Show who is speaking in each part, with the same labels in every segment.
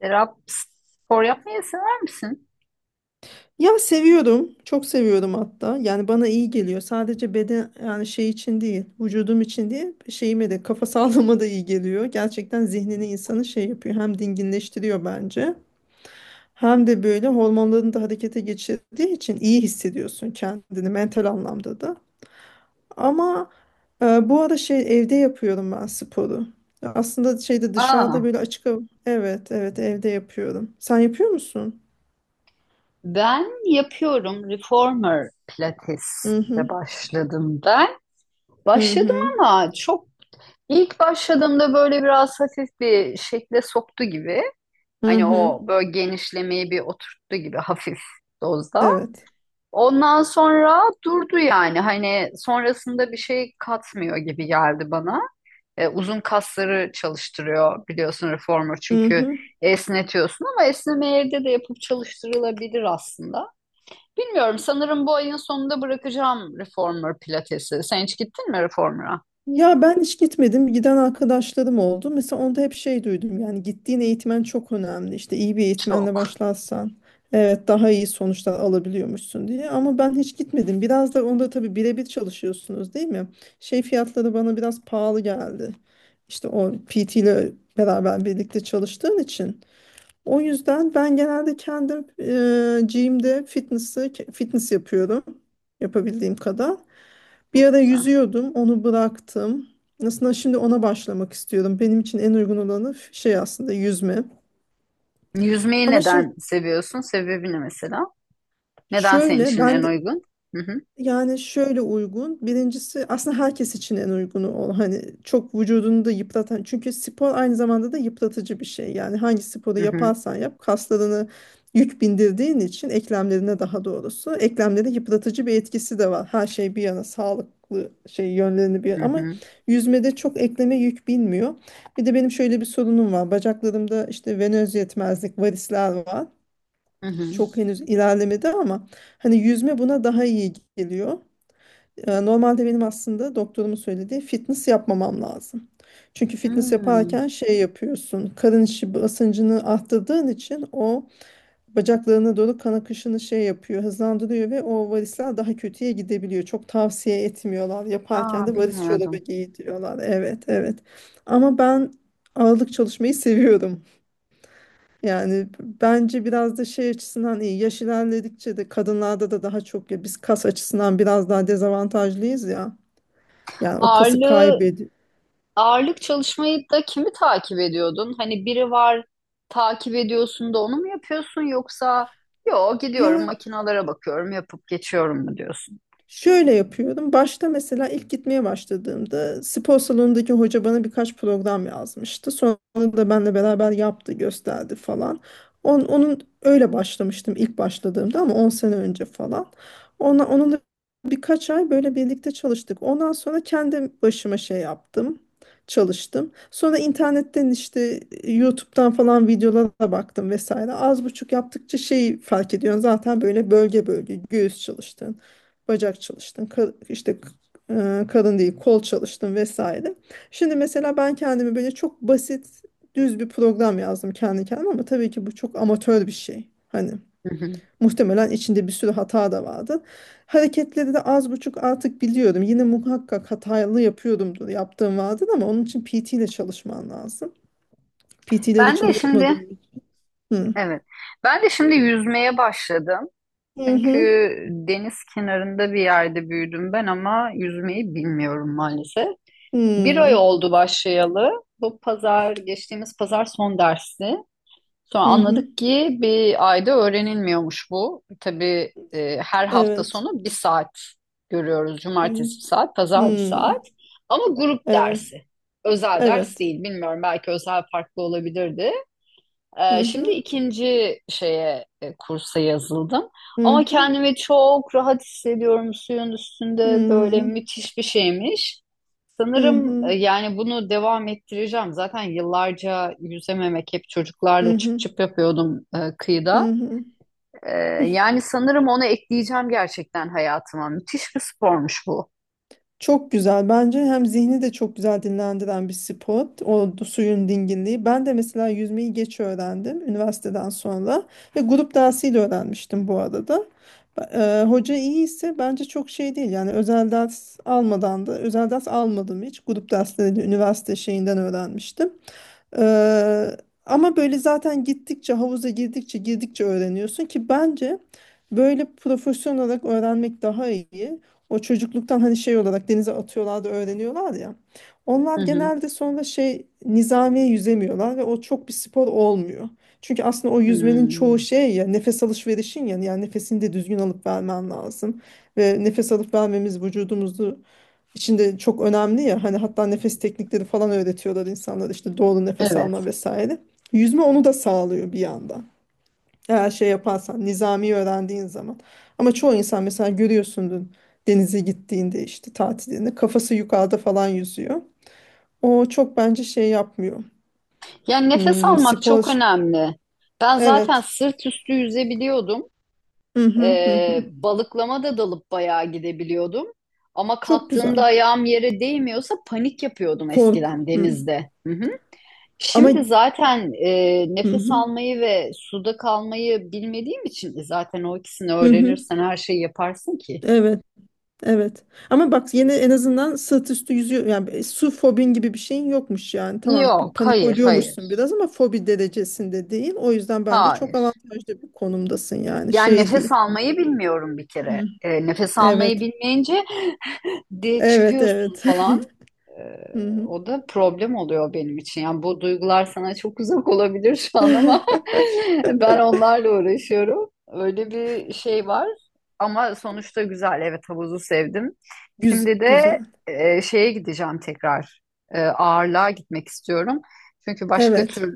Speaker 1: Serap, spor yapmayı sever misin?
Speaker 2: Ya seviyorum. Çok seviyorum hatta. Yani bana iyi geliyor. Sadece beden yani şey için değil, vücudum için değil, şeyime de kafa sağlığıma da iyi geliyor. Gerçekten zihnini insanı şey yapıyor. Hem dinginleştiriyor bence. Hem de böyle hormonların da harekete geçirdiği için iyi hissediyorsun kendini mental anlamda da. Ama bu ara şey evde yapıyorum ben sporu. Ya aslında şeyde dışarıda
Speaker 1: Aa,
Speaker 2: böyle açık hava. Evet, evet evde yapıyorum. Sen yapıyor musun?
Speaker 1: ben yapıyorum. Reformer
Speaker 2: Hı
Speaker 1: Pilates'e
Speaker 2: hı.
Speaker 1: başladım ben.
Speaker 2: Hı
Speaker 1: Başladım
Speaker 2: hı.
Speaker 1: ama çok ilk başladığımda böyle biraz hafif bir şekle soktu gibi.
Speaker 2: Hı
Speaker 1: Hani
Speaker 2: hı.
Speaker 1: o böyle genişlemeyi bir oturttu gibi hafif dozda.
Speaker 2: Evet.
Speaker 1: Ondan sonra durdu yani. Hani sonrasında bir şey katmıyor gibi geldi bana. Uzun kasları çalıştırıyor biliyorsun reformer çünkü
Speaker 2: Mhm.
Speaker 1: esnetiyorsun ama esneme evde de yapıp çalıştırılabilir aslında. Bilmiyorum, sanırım bu ayın sonunda bırakacağım reformer pilatesi. Sen hiç gittin mi reformer'a?
Speaker 2: Ya ben hiç gitmedim. Giden arkadaşlarım oldu. Mesela onda hep şey duydum. Yani gittiğin eğitmen çok önemli. İşte iyi bir eğitmenle
Speaker 1: Çok.
Speaker 2: başlarsan evet daha iyi sonuçlar alabiliyormuşsun diye. Ama ben hiç gitmedim. Biraz da onda tabii birebir çalışıyorsunuz değil mi? Şey fiyatları bana biraz pahalı geldi. İşte o PT ile beraber birlikte çalıştığın için. O yüzden ben genelde kendim gym'de fitness yapıyorum. Yapabildiğim kadar. Bir
Speaker 1: Çok
Speaker 2: ara
Speaker 1: güzel.
Speaker 2: yüzüyordum, onu bıraktım. Aslında şimdi ona başlamak istiyorum. Benim için en uygun olanı şey aslında yüzme.
Speaker 1: Yüzmeyi
Speaker 2: Ama şimdi
Speaker 1: neden seviyorsun? Sebebi ne mesela? Neden senin
Speaker 2: şöyle
Speaker 1: için
Speaker 2: ben
Speaker 1: en
Speaker 2: de-
Speaker 1: uygun? Hı hı.
Speaker 2: Yani şöyle uygun. Birincisi aslında herkes için en uygunu ol. Hani çok vücudunu da yıpratan. Çünkü spor aynı zamanda da yıpratıcı bir şey. Yani hangi sporu
Speaker 1: Hı hı.
Speaker 2: yaparsan yap kaslarını yük bindirdiğin için eklemlerine daha doğrusu eklemlere yıpratıcı bir etkisi de var. Her şey bir yana sağlıklı şey yönlerini
Speaker 1: Hı
Speaker 2: bir ama
Speaker 1: hı.
Speaker 2: yüzmede çok ekleme yük binmiyor. Bir de benim şöyle bir sorunum var. Bacaklarımda işte venöz yetmezlik, varisler var.
Speaker 1: Hı hı.
Speaker 2: Çok henüz ilerlemedi ama hani yüzme buna daha iyi geliyor. Normalde benim aslında doktorumun söylediği fitness yapmamam lazım. Çünkü fitness
Speaker 1: Hmm.
Speaker 2: yaparken şey yapıyorsun. Karın içi basıncını arttırdığın için o bacaklarına doğru kan akışını şey yapıyor, hızlandırıyor ve o varisler daha kötüye gidebiliyor. Çok tavsiye etmiyorlar.
Speaker 1: Aa,
Speaker 2: Yaparken de varis çorabı
Speaker 1: bilmiyordum.
Speaker 2: giy diyorlar. Evet, evet. Ama ben ağırlık çalışmayı seviyorum. Yani bence biraz da şey açısından iyi. Yaş ilerledikçe de kadınlarda da daha çok ya biz kas açısından biraz daha dezavantajlıyız ya. Yani o kası
Speaker 1: Ağırlığı,
Speaker 2: kaybediyor.
Speaker 1: ağırlık çalışmayı da kimi takip ediyordun? Hani biri var, takip ediyorsun da onu mu yapıyorsun, yoksa yo, gidiyorum
Speaker 2: Ya
Speaker 1: makinalara bakıyorum yapıp geçiyorum mu diyorsun?
Speaker 2: şöyle yapıyorum. Başta mesela ilk gitmeye başladığımda spor salonundaki hoca bana birkaç program yazmıştı. Sonra da benle beraber yaptı, gösterdi falan. Onun öyle başlamıştım ilk başladığımda ama 10 sene önce falan. Onunla birkaç ay böyle birlikte çalıştık. Ondan sonra kendi başıma şey yaptım. Çalıştım. Sonra internetten işte YouTube'dan falan videolara baktım vesaire. Az buçuk yaptıkça şeyi fark ediyorsun zaten böyle bölge bölge göğüs çalıştı, bacak çalıştın, işte karın değil kol çalıştın vesaire. Şimdi mesela ben kendimi böyle çok basit düz bir program yazdım kendi kendime ama tabii ki bu çok amatör bir şey. Hani
Speaker 1: Hı hı.
Speaker 2: muhtemelen içinde bir sürü hata da vardı. Hareketleri de az buçuk artık biliyorum. Yine muhakkak hatalı yapıyordumdur, yaptığım vardır ama onun için PT ile çalışman lazım. PT ile de
Speaker 1: Ben de şimdi
Speaker 2: çalışamadığım için. Hı.
Speaker 1: evet. Ben de şimdi yüzmeye başladım.
Speaker 2: Hı
Speaker 1: Çünkü
Speaker 2: hı.
Speaker 1: deniz kenarında bir yerde büyüdüm ben, ama yüzmeyi bilmiyorum maalesef. Bir ay
Speaker 2: Hı
Speaker 1: oldu başlayalı. Geçtiğimiz pazar son dersi. Sonra
Speaker 2: hı. Hı.
Speaker 1: anladık ki bir ayda öğrenilmiyormuş bu. Tabii her hafta
Speaker 2: Evet.
Speaker 1: sonu bir saat görüyoruz.
Speaker 2: Hı.
Speaker 1: Cumartesi bir saat, pazar bir
Speaker 2: Hı.
Speaker 1: saat. Ama grup
Speaker 2: Evet.
Speaker 1: dersi. Özel ders
Speaker 2: Evet.
Speaker 1: değil. Bilmiyorum, belki özel farklı olabilirdi.
Speaker 2: Hı
Speaker 1: Şimdi
Speaker 2: hı,
Speaker 1: ikinci şeye, kursa yazıldım.
Speaker 2: hı
Speaker 1: Ama
Speaker 2: hı,
Speaker 1: kendimi çok rahat hissediyorum suyun
Speaker 2: hı
Speaker 1: üstünde, böyle
Speaker 2: hı,
Speaker 1: müthiş bir şeymiş.
Speaker 2: hı
Speaker 1: Sanırım
Speaker 2: hı,
Speaker 1: yani bunu devam ettireceğim. Zaten yıllarca yüzememek, hep
Speaker 2: hı
Speaker 1: çocuklarla çıp
Speaker 2: hı,
Speaker 1: çıp yapıyordum kıyıda.
Speaker 2: hı hı.
Speaker 1: E, yani sanırım onu ekleyeceğim gerçekten hayatıma. Müthiş bir spormuş bu.
Speaker 2: Çok güzel. Bence hem zihni de çok güzel dinlendiren bir spot. Suyun dinginliği. Ben de mesela yüzmeyi geç öğrendim üniversiteden sonra. Ve grup dersiyle öğrenmiştim bu arada. Hoca iyi ise bence çok şey değil. Yani özel ders almadan da özel ders almadım hiç. Grup dersleriyle üniversite şeyinden öğrenmiştim. Eee, ama böyle zaten gittikçe havuza girdikçe girdikçe öğreniyorsun ki bence böyle profesyonel olarak öğrenmek daha iyi. O çocukluktan hani şey olarak denize atıyorlar da öğreniyorlar ya.
Speaker 1: Hı
Speaker 2: Onlar
Speaker 1: hı.
Speaker 2: genelde sonra şey nizamiye yüzemiyorlar ve o çok bir spor olmuyor. Çünkü aslında o yüzmenin çoğu
Speaker 1: Hmm.
Speaker 2: şey ya nefes alışverişin ya yani nefesini de düzgün alıp vermen lazım. Ve nefes alıp vermemiz vücudumuzu içinde çok önemli ya hani hatta nefes teknikleri falan öğretiyorlar insanlara işte doğru nefes
Speaker 1: Evet.
Speaker 2: alma vesaire. Yüzme onu da sağlıyor bir yandan. Eğer şey yaparsan nizami öğrendiğin zaman. Ama çoğu insan mesela görüyorsundur denize gittiğinde işte tatilinde kafası yukarıda falan yüzüyor. O çok bence şey yapmıyor.
Speaker 1: Yani nefes
Speaker 2: Hmm,
Speaker 1: almak
Speaker 2: spor
Speaker 1: çok önemli. Ben zaten
Speaker 2: evet.
Speaker 1: sırt üstü yüzebiliyordum.
Speaker 2: Hı hı hı.
Speaker 1: Ee,
Speaker 2: Hı.
Speaker 1: balıklama da dalıp bayağı gidebiliyordum. Ama
Speaker 2: Çok güzel.
Speaker 1: kalktığımda ayağım yere değmiyorsa panik yapıyordum
Speaker 2: Korku.
Speaker 1: eskiden
Speaker 2: Hı.
Speaker 1: denizde. Hı hı.
Speaker 2: Ama
Speaker 1: Şimdi zaten
Speaker 2: hı
Speaker 1: nefes
Speaker 2: hı.
Speaker 1: almayı ve suda kalmayı bilmediğim için zaten o ikisini
Speaker 2: Hı hı.
Speaker 1: öğrenirsen her şeyi yaparsın ki.
Speaker 2: Evet. Evet. Ama bak yine en azından sırt üstü yüzüyor. Yani su fobin gibi bir şeyin yokmuş yani. Tamam bir
Speaker 1: Yok,
Speaker 2: panik
Speaker 1: hayır,
Speaker 2: oluyormuşsun
Speaker 1: hayır,
Speaker 2: biraz ama fobi derecesinde değil. O yüzden bence çok
Speaker 1: hayır.
Speaker 2: avantajlı bir konumdasın yani.
Speaker 1: Yani
Speaker 2: Şey
Speaker 1: nefes
Speaker 2: değil.
Speaker 1: almayı bilmiyorum bir kere.
Speaker 2: Hı.
Speaker 1: Nefes almayı
Speaker 2: Evet.
Speaker 1: bilmeyince de
Speaker 2: Evet,
Speaker 1: çıkıyorsun
Speaker 2: evet.
Speaker 1: falan. Ee,
Speaker 2: Hı hı.
Speaker 1: o da problem oluyor benim için. Yani bu duygular sana çok uzak olabilir şu an ama ben onlarla uğraşıyorum. Öyle bir şey var. Ama sonuçta güzel. Evet, havuzu sevdim.
Speaker 2: Güz
Speaker 1: Şimdi de
Speaker 2: güzel.
Speaker 1: şeye gideceğim tekrar. Ağırlığa gitmek istiyorum. Çünkü başka
Speaker 2: Evet.
Speaker 1: türlü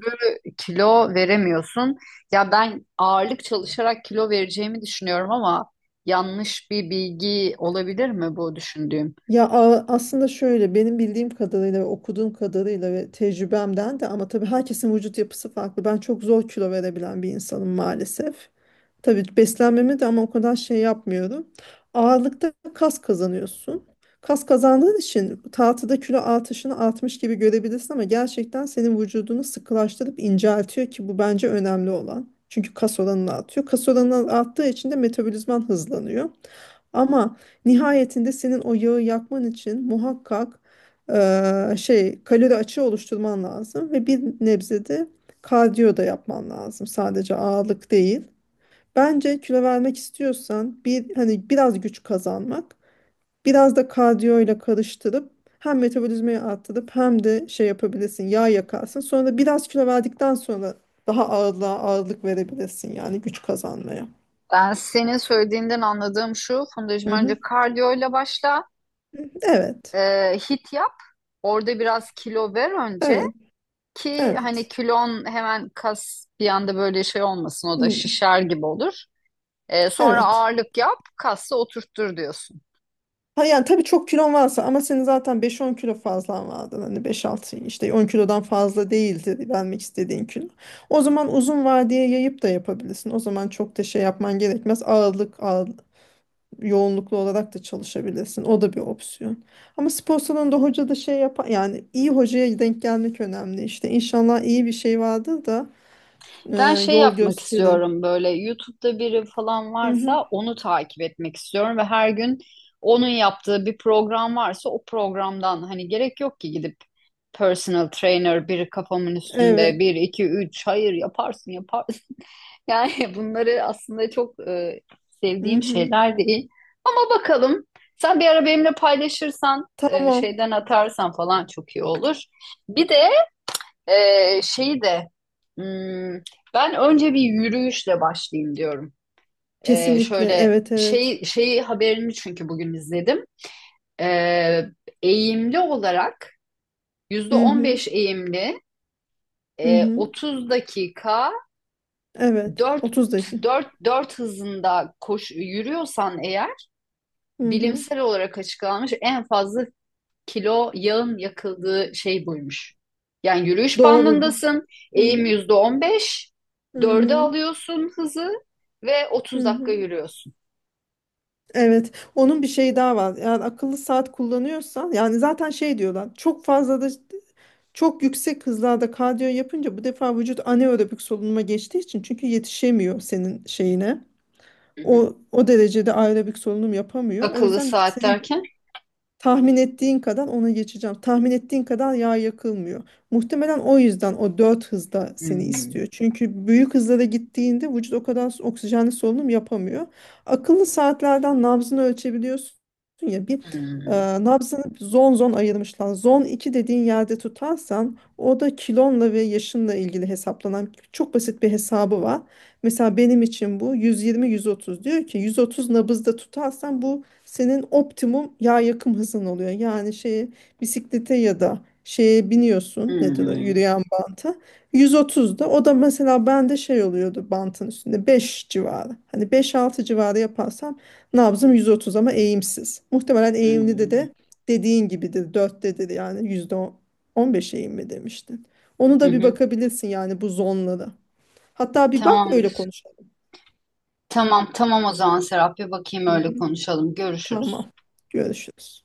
Speaker 1: kilo veremiyorsun. Ya ben ağırlık çalışarak kilo vereceğimi düşünüyorum ama yanlış bir bilgi olabilir mi bu düşündüğüm?
Speaker 2: Ya aslında şöyle benim bildiğim kadarıyla ve okuduğum kadarıyla ve tecrübemden de ama tabii herkesin vücut yapısı farklı. Ben çok zor kilo verebilen bir insanım maalesef. Tabii beslenmeme de ama o kadar şey yapmıyorum. Ağırlıkta kas kazanıyorsun. Kas kazandığın için tahtada kilo artışını artmış gibi görebilirsin ama gerçekten senin vücudunu sıkılaştırıp inceltiyor ki bu bence önemli olan. Çünkü kas oranını artıyor. Kas oranı arttığı için de metabolizman hızlanıyor. Ama nihayetinde senin o yağı yakman için muhakkak şey kalori açığı oluşturman lazım ve bir nebze de kardiyo da yapman lazım. Sadece ağırlık değil. Bence kilo vermek istiyorsan bir hani biraz güç kazanmak, biraz da kardiyo ile karıştırıp hem metabolizmayı arttırıp hem de şey yapabilirsin, yağ yakarsın. Sonra da biraz kilo verdikten sonra daha ağırlığa ağırlık verebilirsin yani güç kazanmaya.
Speaker 1: Ben senin söylediğinden anladığım şu, Fundacığım,
Speaker 2: Hı hı.
Speaker 1: önce kardiyoyla başla,
Speaker 2: Evet.
Speaker 1: hit yap, orada biraz kilo ver önce,
Speaker 2: Evet.
Speaker 1: ki hani
Speaker 2: Evet.
Speaker 1: kilon hemen, kas bir anda böyle şey olmasın, o da
Speaker 2: Hı,
Speaker 1: şişer gibi olur. Sonra
Speaker 2: evet.
Speaker 1: ağırlık yap, kası oturttur diyorsun.
Speaker 2: Ha yani tabii çok kilon varsa ama senin zaten beş on kilo fazlan vardı. Hani beş altı işte 10 kilodan fazla değildi vermek istediğin kilo. O zaman uzun vadeye yayıp da yapabilirsin. O zaman çok da şey yapman gerekmez. Yoğunluklu olarak da çalışabilirsin. O da bir opsiyon. Ama spor salonunda hoca da şey yapar. Yani iyi hocaya denk gelmek önemli işte. İnşallah iyi bir şey vardır da e,
Speaker 1: Ben şey
Speaker 2: yol
Speaker 1: yapmak
Speaker 2: gösterin.
Speaker 1: istiyorum, böyle YouTube'da biri falan
Speaker 2: Hı hı.
Speaker 1: varsa onu takip etmek istiyorum ve her gün onun yaptığı bir program varsa o programdan, hani gerek yok ki gidip personal trainer biri kafamın üstünde
Speaker 2: Evet.
Speaker 1: bir iki üç, hayır yaparsın yaparsın. Yani bunları aslında çok
Speaker 2: Hı
Speaker 1: sevdiğim
Speaker 2: hı.
Speaker 1: şeyler değil. Ama bakalım, sen bir ara benimle paylaşırsan
Speaker 2: Tamam.
Speaker 1: şeyden atarsan falan çok iyi olur. Bir de şey de hmm, ben önce bir yürüyüşle başlayayım diyorum. Ee,
Speaker 2: Kesinlikle.
Speaker 1: şöyle
Speaker 2: Evet evet.
Speaker 1: şeyi haberini, çünkü bugün izledim. Ee, eğimli olarak yüzde
Speaker 2: Hı
Speaker 1: on
Speaker 2: hı.
Speaker 1: beş eğimli,
Speaker 2: Hı hı.
Speaker 1: 30 dakika
Speaker 2: Evet.
Speaker 1: 4
Speaker 2: 30'daki.
Speaker 1: 4 hızında koş, yürüyorsan eğer
Speaker 2: Hı hı.
Speaker 1: bilimsel olarak açıklanmış en fazla kilo yağın yakıldığı şey buymuş. Yani yürüyüş
Speaker 2: Doğrudur.
Speaker 1: bandındasın,
Speaker 2: Hı
Speaker 1: eğim
Speaker 2: hı.
Speaker 1: %15,
Speaker 2: Hı
Speaker 1: dörde
Speaker 2: hı.
Speaker 1: alıyorsun hızı ve
Speaker 2: Hı
Speaker 1: 30 dakika
Speaker 2: hı.
Speaker 1: yürüyorsun.
Speaker 2: Evet. Onun bir şeyi daha var. Yani akıllı saat kullanıyorsan yani zaten şey diyorlar. Çok fazla da çok yüksek hızlarda kardiyo yapınca bu defa vücut anaerobik solunuma geçtiği için çünkü yetişemiyor senin şeyine.
Speaker 1: Hı hı.
Speaker 2: O derecede aerobik solunum yapamıyor. O
Speaker 1: Akıllı
Speaker 2: yüzden
Speaker 1: saat
Speaker 2: senin.
Speaker 1: derken?
Speaker 2: Tahmin ettiğin kadar ona geçeceğim. Tahmin ettiğin kadar yağ yakılmıyor. Muhtemelen o yüzden o 4 hızda seni
Speaker 1: Hmm,
Speaker 2: istiyor. Çünkü büyük hızlara gittiğinde vücut o kadar oksijenli solunum yapamıyor. Akıllı saatlerden nabzını ölçebiliyorsun. Ya e,
Speaker 1: hmm,
Speaker 2: nabzını zon zon ayırmışlar. Zon 2 dediğin yerde tutarsan o da kilonla ve yaşınla ilgili hesaplanan çok basit bir hesabı var. Mesela benim için bu 120-130 diyor ki 130 nabızda tutarsan bu senin optimum yağ yakım hızın oluyor. Yani şeye bisiklete ya da şeye biniyorsun, nedir o
Speaker 1: hmm,
Speaker 2: yürüyen banta, 130'da o da mesela bende şey oluyordu bantın üstünde 5 civarı. Hani beş altı civarı yaparsam nabzım 130 ama eğimsiz. Muhtemelen eğimli de
Speaker 1: hmm,
Speaker 2: de dediğin gibidir, 4'tedir yani. %15 eğim mi demiştin? Onu
Speaker 1: hı
Speaker 2: da bir
Speaker 1: hı.
Speaker 2: bakabilirsin yani, bu zonlara. Hatta bir bak
Speaker 1: Tamam,
Speaker 2: öyle konuşalım.
Speaker 1: tamam, tamam, o zaman Serap, bir bakayım,
Speaker 2: Hı
Speaker 1: öyle
Speaker 2: hı,
Speaker 1: konuşalım. Görüşürüz.
Speaker 2: tamam. Görüşürüz.